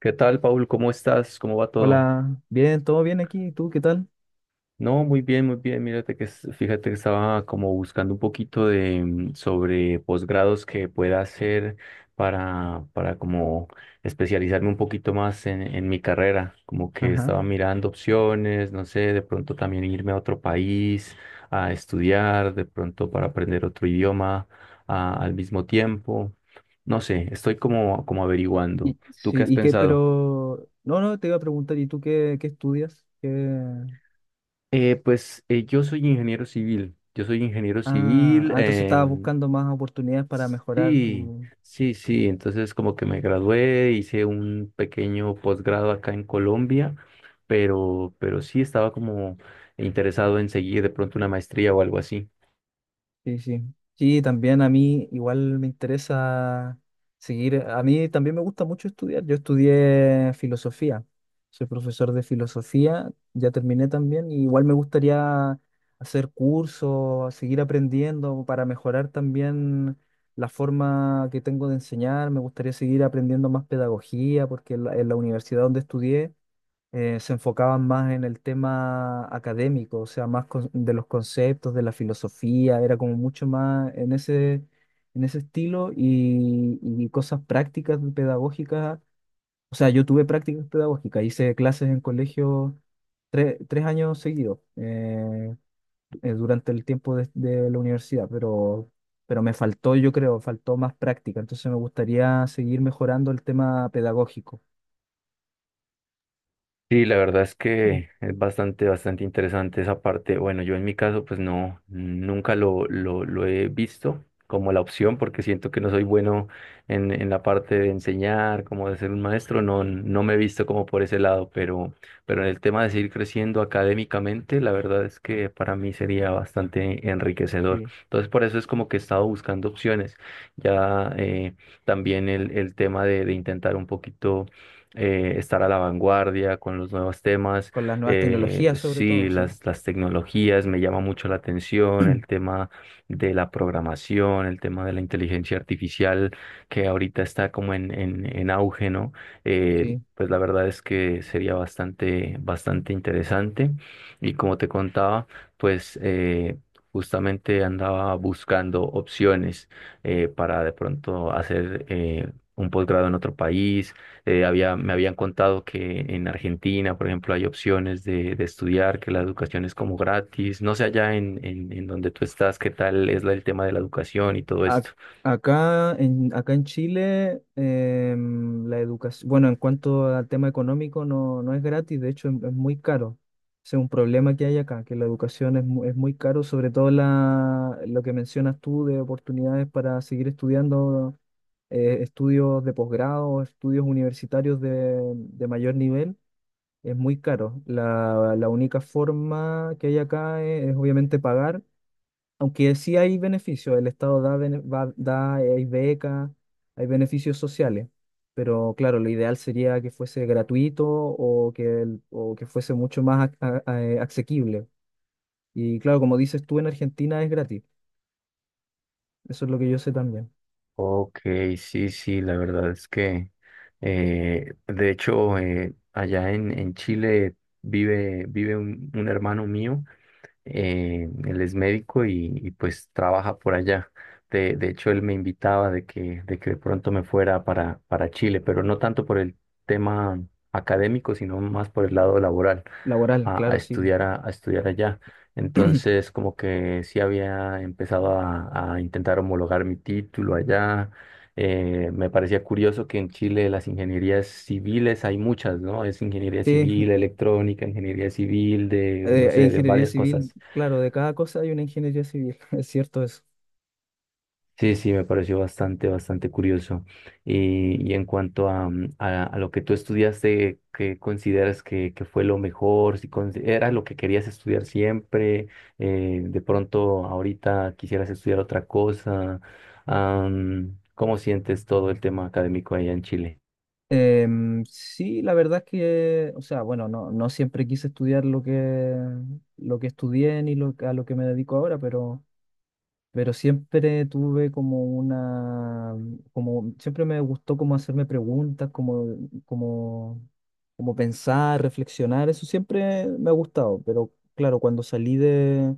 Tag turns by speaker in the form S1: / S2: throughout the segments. S1: ¿Qué tal, Paul? ¿Cómo estás? ¿Cómo va todo?
S2: Hola, bien, todo bien aquí. ¿Y tú qué tal?
S1: No, muy bien, muy bien. Mírate que fíjate que estaba como buscando un poquito de sobre posgrados que pueda hacer para como especializarme un poquito más en mi carrera. Como que
S2: Ajá.
S1: estaba mirando opciones, no sé, de pronto también irme a otro país a estudiar, de pronto para aprender otro idioma al mismo tiempo. No sé, estoy como averiguando.
S2: Y,
S1: ¿Tú qué
S2: sí,
S1: has
S2: ¿y qué?
S1: pensado?
S2: Pero, no, no, te iba a preguntar, ¿y tú qué estudias? ¿Qué?
S1: Pues yo soy ingeniero civil, yo soy ingeniero
S2: Ah,
S1: civil,
S2: ah, entonces estabas buscando más oportunidades para mejorar
S1: sí,
S2: tu.
S1: sí, sí, entonces como que me gradué, hice un pequeño posgrado acá en Colombia, pero sí estaba como interesado en seguir de pronto una maestría o algo así.
S2: Sí, sí. Sí, también a mí igual me interesa seguir. A mí también me gusta mucho estudiar. Yo estudié filosofía. Soy profesor de filosofía, ya terminé también, y igual me gustaría hacer cursos, seguir aprendiendo para mejorar también la forma que tengo de enseñar. Me gustaría seguir aprendiendo más pedagogía, porque en la, universidad donde estudié se enfocaban más en el tema académico, o sea, más de los conceptos, de la filosofía, era como mucho más en ese estilo y cosas prácticas pedagógicas. O sea, yo tuve prácticas pedagógicas, hice clases en colegio tres años seguidos durante el tiempo de la universidad, pero me faltó, yo creo, faltó más práctica, entonces me gustaría seguir mejorando el tema pedagógico.
S1: Sí, la verdad es que es bastante, bastante interesante esa parte. Bueno, yo en mi caso, pues no, nunca lo he visto como la opción, porque siento que no soy bueno en la parte de enseñar, como de ser un maestro, no, no me he visto como por ese lado, pero en el tema de seguir creciendo académicamente, la verdad es que para mí sería bastante enriquecedor.
S2: Sí,
S1: Entonces, por eso es como que he estado buscando opciones. Ya también el tema de intentar un poquito estar a la vanguardia con los nuevos temas.
S2: con las nuevas tecnologías sobre
S1: Sí,
S2: todo, sí.
S1: las tecnologías me llama mucho la atención, el tema de la programación, el tema de la inteligencia artificial que ahorita está como en auge, ¿no?
S2: Sí.
S1: Pues la verdad es que sería bastante, bastante interesante. Y como te contaba, pues justamente andaba buscando opciones para de pronto hacer un posgrado en otro país me habían contado que en Argentina, por ejemplo, hay opciones de estudiar, que la educación es como gratis. No sé allá en donde tú estás, qué tal es el tema de la educación y todo
S2: Ac-
S1: esto.
S2: acá en Chile, la educación, bueno, en cuanto al tema económico, no, no es gratis, de hecho es muy caro. Ese es un problema que hay acá, que la educación es muy caro, sobre todo lo que mencionas tú de oportunidades para seguir estudiando estudios de posgrado, estudios universitarios de mayor nivel, es muy caro. La única forma que hay acá es obviamente pagar. Aunque sí hay beneficios, el Estado da hay becas, hay beneficios sociales, pero claro, lo ideal sería que fuese gratuito o que fuese mucho más asequible. Y claro, como dices tú, en Argentina es gratis, eso es lo que yo sé también.
S1: Ok, sí, sí, la verdad es que, de hecho, allá en Chile vive un hermano mío él es médico y, pues trabaja por allá. De hecho, él me invitaba de que de pronto me fuera para Chile, pero no tanto por el tema académico, sino más por el lado laboral,
S2: Laboral,
S1: a, a
S2: claro, sí.
S1: estudiar a, a estudiar allá. Entonces, como que sí había empezado a intentar homologar mi título allá. Me parecía curioso que en Chile las ingenierías civiles hay muchas, ¿no? Es ingeniería
S2: Sí,
S1: civil, electrónica, ingeniería civil, de, no sé, de
S2: ingeniería
S1: varias
S2: civil,
S1: cosas.
S2: claro, de cada cosa hay una ingeniería civil, es cierto eso.
S1: Sí, sí, me pareció bastante, bastante curioso. Y en cuanto a lo que tú estudiaste, ¿qué consideras que fue lo mejor? Si era lo que querías estudiar siempre, de pronto ahorita quisieras estudiar otra cosa. ¿Cómo sientes todo el tema académico allá en Chile?
S2: Sí, la verdad es que, o sea, bueno, no, no siempre quise estudiar lo que estudié ni a lo que me dedico ahora, pero siempre tuve siempre me gustó como hacerme preguntas, como, como pensar, reflexionar, eso siempre me ha gustado, pero claro, cuando salí de,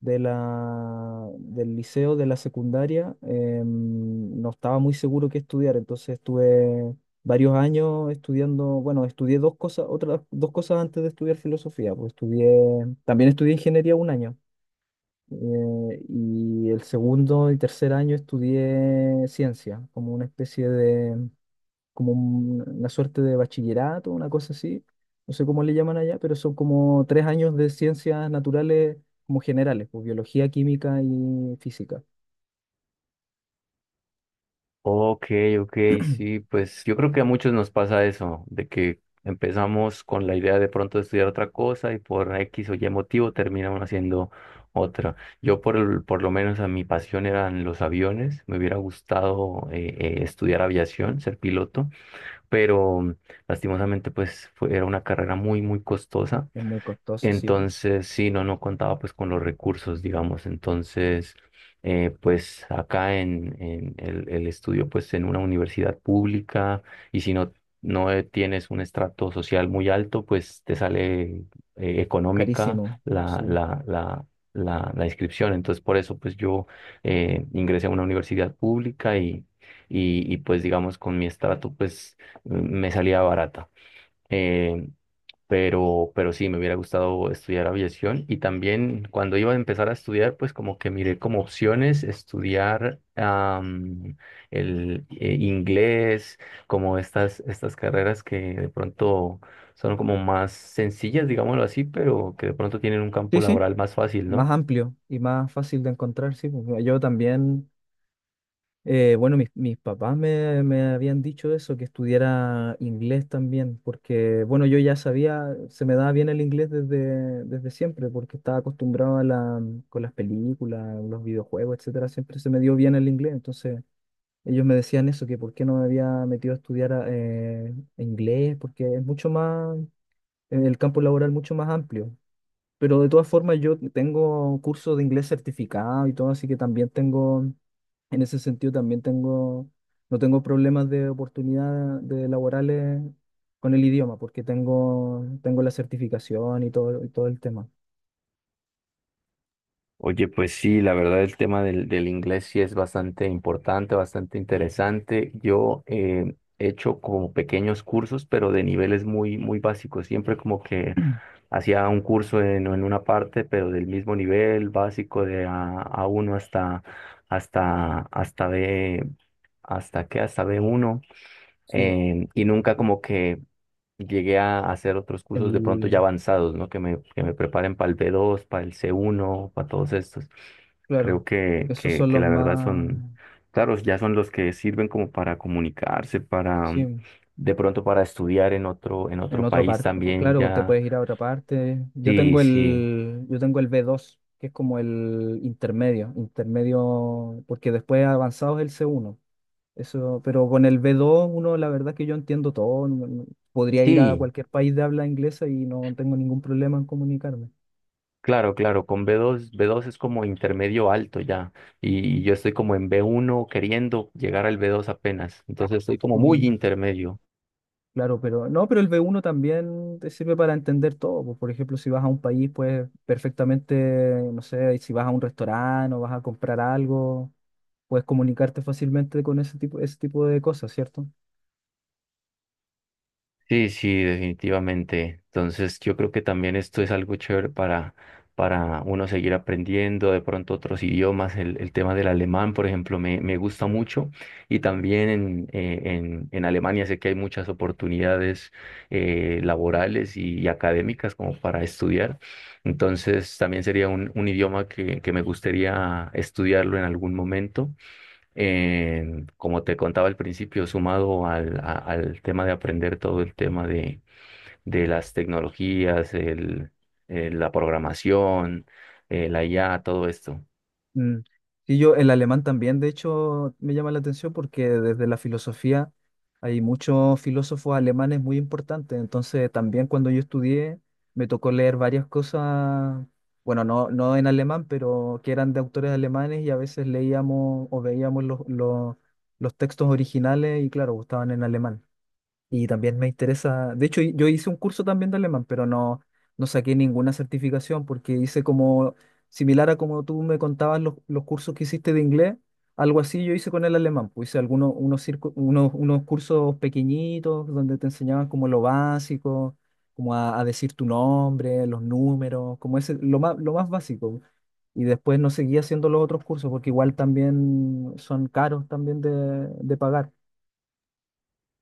S2: de la, del liceo, de la secundaria, no estaba muy seguro qué estudiar, entonces estuve varios años estudiando, bueno, estudié dos cosas, otras dos cosas antes de estudiar filosofía, pues también estudié ingeniería un año, y el segundo y tercer año estudié ciencia, como una especie de, como una suerte de bachillerato, una cosa así. No sé cómo le llaman allá, pero son como tres años de ciencias naturales como generales, pues biología, química y física.
S1: Ok, ok, sí, pues yo creo que a muchos nos pasa eso, de que empezamos con la idea de pronto de estudiar otra cosa y por X o Y motivo terminamos haciendo otra. Por lo menos a mi pasión eran los aviones, me hubiera gustado estudiar aviación, ser piloto, pero lastimosamente pues era una carrera muy, muy costosa.
S2: Es muy costoso, sí, pues,
S1: Entonces, sí, no contaba pues con los recursos, digamos. Entonces, pues acá en el estudio, pues en una universidad pública, y si no, no tienes un estrato social muy alto, pues te sale económica
S2: carísimo,
S1: la,
S2: sí.
S1: la, la, la, la inscripción. Entonces, por eso, pues yo ingresé a una universidad pública y pues digamos con mi estrato, pues me salía barata. Eh, pero sí, me hubiera gustado estudiar aviación y también cuando iba a empezar a estudiar, pues como que miré como opciones estudiar el inglés, como estas carreras que de pronto son como más sencillas, digámoslo así, pero que de pronto tienen un campo
S2: Sí, sí.
S1: laboral más fácil,
S2: Más
S1: ¿no?
S2: amplio y más fácil de encontrar, sí, pues, yo también. Bueno, mis papás me habían dicho eso, que estudiara inglés también, porque, bueno, yo ya sabía, se me daba bien el inglés desde siempre, porque estaba acostumbrado con las películas, los videojuegos, etcétera, siempre se me dio bien el inglés, entonces ellos me decían eso, que por qué no me había metido a estudiar inglés, porque el campo laboral mucho más amplio. Pero de todas formas yo tengo cursos de inglés certificado y todo, así que también tengo, en ese sentido también tengo, no tengo problemas de oportunidad de laborales con el idioma, porque tengo la certificación y todo el tema.
S1: Oye, pues sí, la verdad el tema del inglés sí es bastante importante, bastante interesante. Yo he hecho como pequeños cursos, pero de niveles muy, muy básicos. Siempre como que hacía un curso en una parte, pero del mismo nivel básico de A uno hasta, hasta B, hasta b uno
S2: Sí,
S1: y nunca como que llegué a hacer otros cursos de pronto ya
S2: el,
S1: avanzados, ¿no? Que me preparen para el B2, para el C1, para todos estos. Creo
S2: claro,
S1: que,
S2: esos
S1: que,
S2: son
S1: que
S2: los
S1: la verdad
S2: más,
S1: son, claro, ya son los que sirven como para comunicarse, para
S2: sí.
S1: de pronto para estudiar en otro, en
S2: En
S1: otro
S2: otro
S1: país
S2: parte,
S1: también
S2: claro, te
S1: ya.
S2: puedes ir a otra parte. Yo
S1: Sí,
S2: tengo
S1: sí,
S2: el B2, que es como el intermedio, intermedio, porque después avanzado es el C1. Eso, pero con el B2, uno, la verdad es que yo entiendo todo. Podría ir a
S1: sí,
S2: cualquier país de habla inglesa y no tengo ningún problema en comunicarme.
S1: claro, claro, con B2. B2 es como intermedio alto ya, y yo estoy como en B1 queriendo llegar al B2 apenas, entonces estoy como muy
S2: Mm,
S1: intermedio.
S2: claro, pero no, pero el B1 también te sirve para entender todo, pues, por ejemplo, si vas a un país, pues perfectamente, no sé, si vas a un restaurante o vas a comprar algo puedes comunicarte fácilmente con ese tipo de cosas, ¿cierto?
S1: Sí, sí, definitivamente. Entonces, yo creo que también esto es algo chévere para uno seguir aprendiendo, de pronto otros idiomas. El tema del alemán, por ejemplo, me gusta mucho. Y también en Alemania sé que hay muchas oportunidades laborales y académicas como para estudiar. Entonces, también sería un idioma que me gustaría estudiarlo en algún momento eh, como te contaba al principio, sumado al tema de aprender todo el tema de las tecnologías, la programación, la IA, todo esto.
S2: Mm. Sí, yo el alemán también, de hecho, me llama la atención porque desde la filosofía hay muchos filósofos alemanes muy importantes, entonces también cuando yo estudié me tocó leer varias cosas, bueno, no, no en alemán, pero que eran de autores alemanes y a veces leíamos o veíamos los textos originales y claro, estaban en alemán. Y también me interesa, de hecho yo hice un curso también de alemán, pero no, no saqué ninguna certificación porque hice como similar a como tú me contabas los cursos que hiciste de inglés, algo así yo hice con el alemán, pues hice algunos unos, circu- unos, unos cursos pequeñitos donde te enseñaban como lo básico, como a decir tu nombre, los números, como ese, lo más básico. Y después no seguí haciendo los otros cursos porque igual también son caros también de pagar,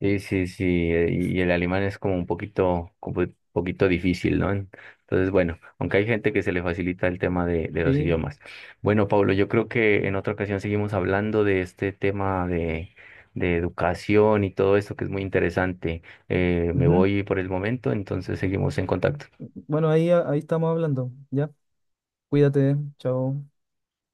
S1: Sí, sí, sí, y el alemán es como un poquito difícil, ¿no? Entonces, bueno, aunque hay gente que se le facilita el tema de los
S2: ¿sí?
S1: idiomas. Bueno, Pablo, yo creo que en otra ocasión seguimos hablando de este tema de educación y todo esto que es muy interesante. Me voy por el momento, entonces seguimos en contacto.
S2: Bueno, ahí estamos hablando. Ya, cuídate, chao.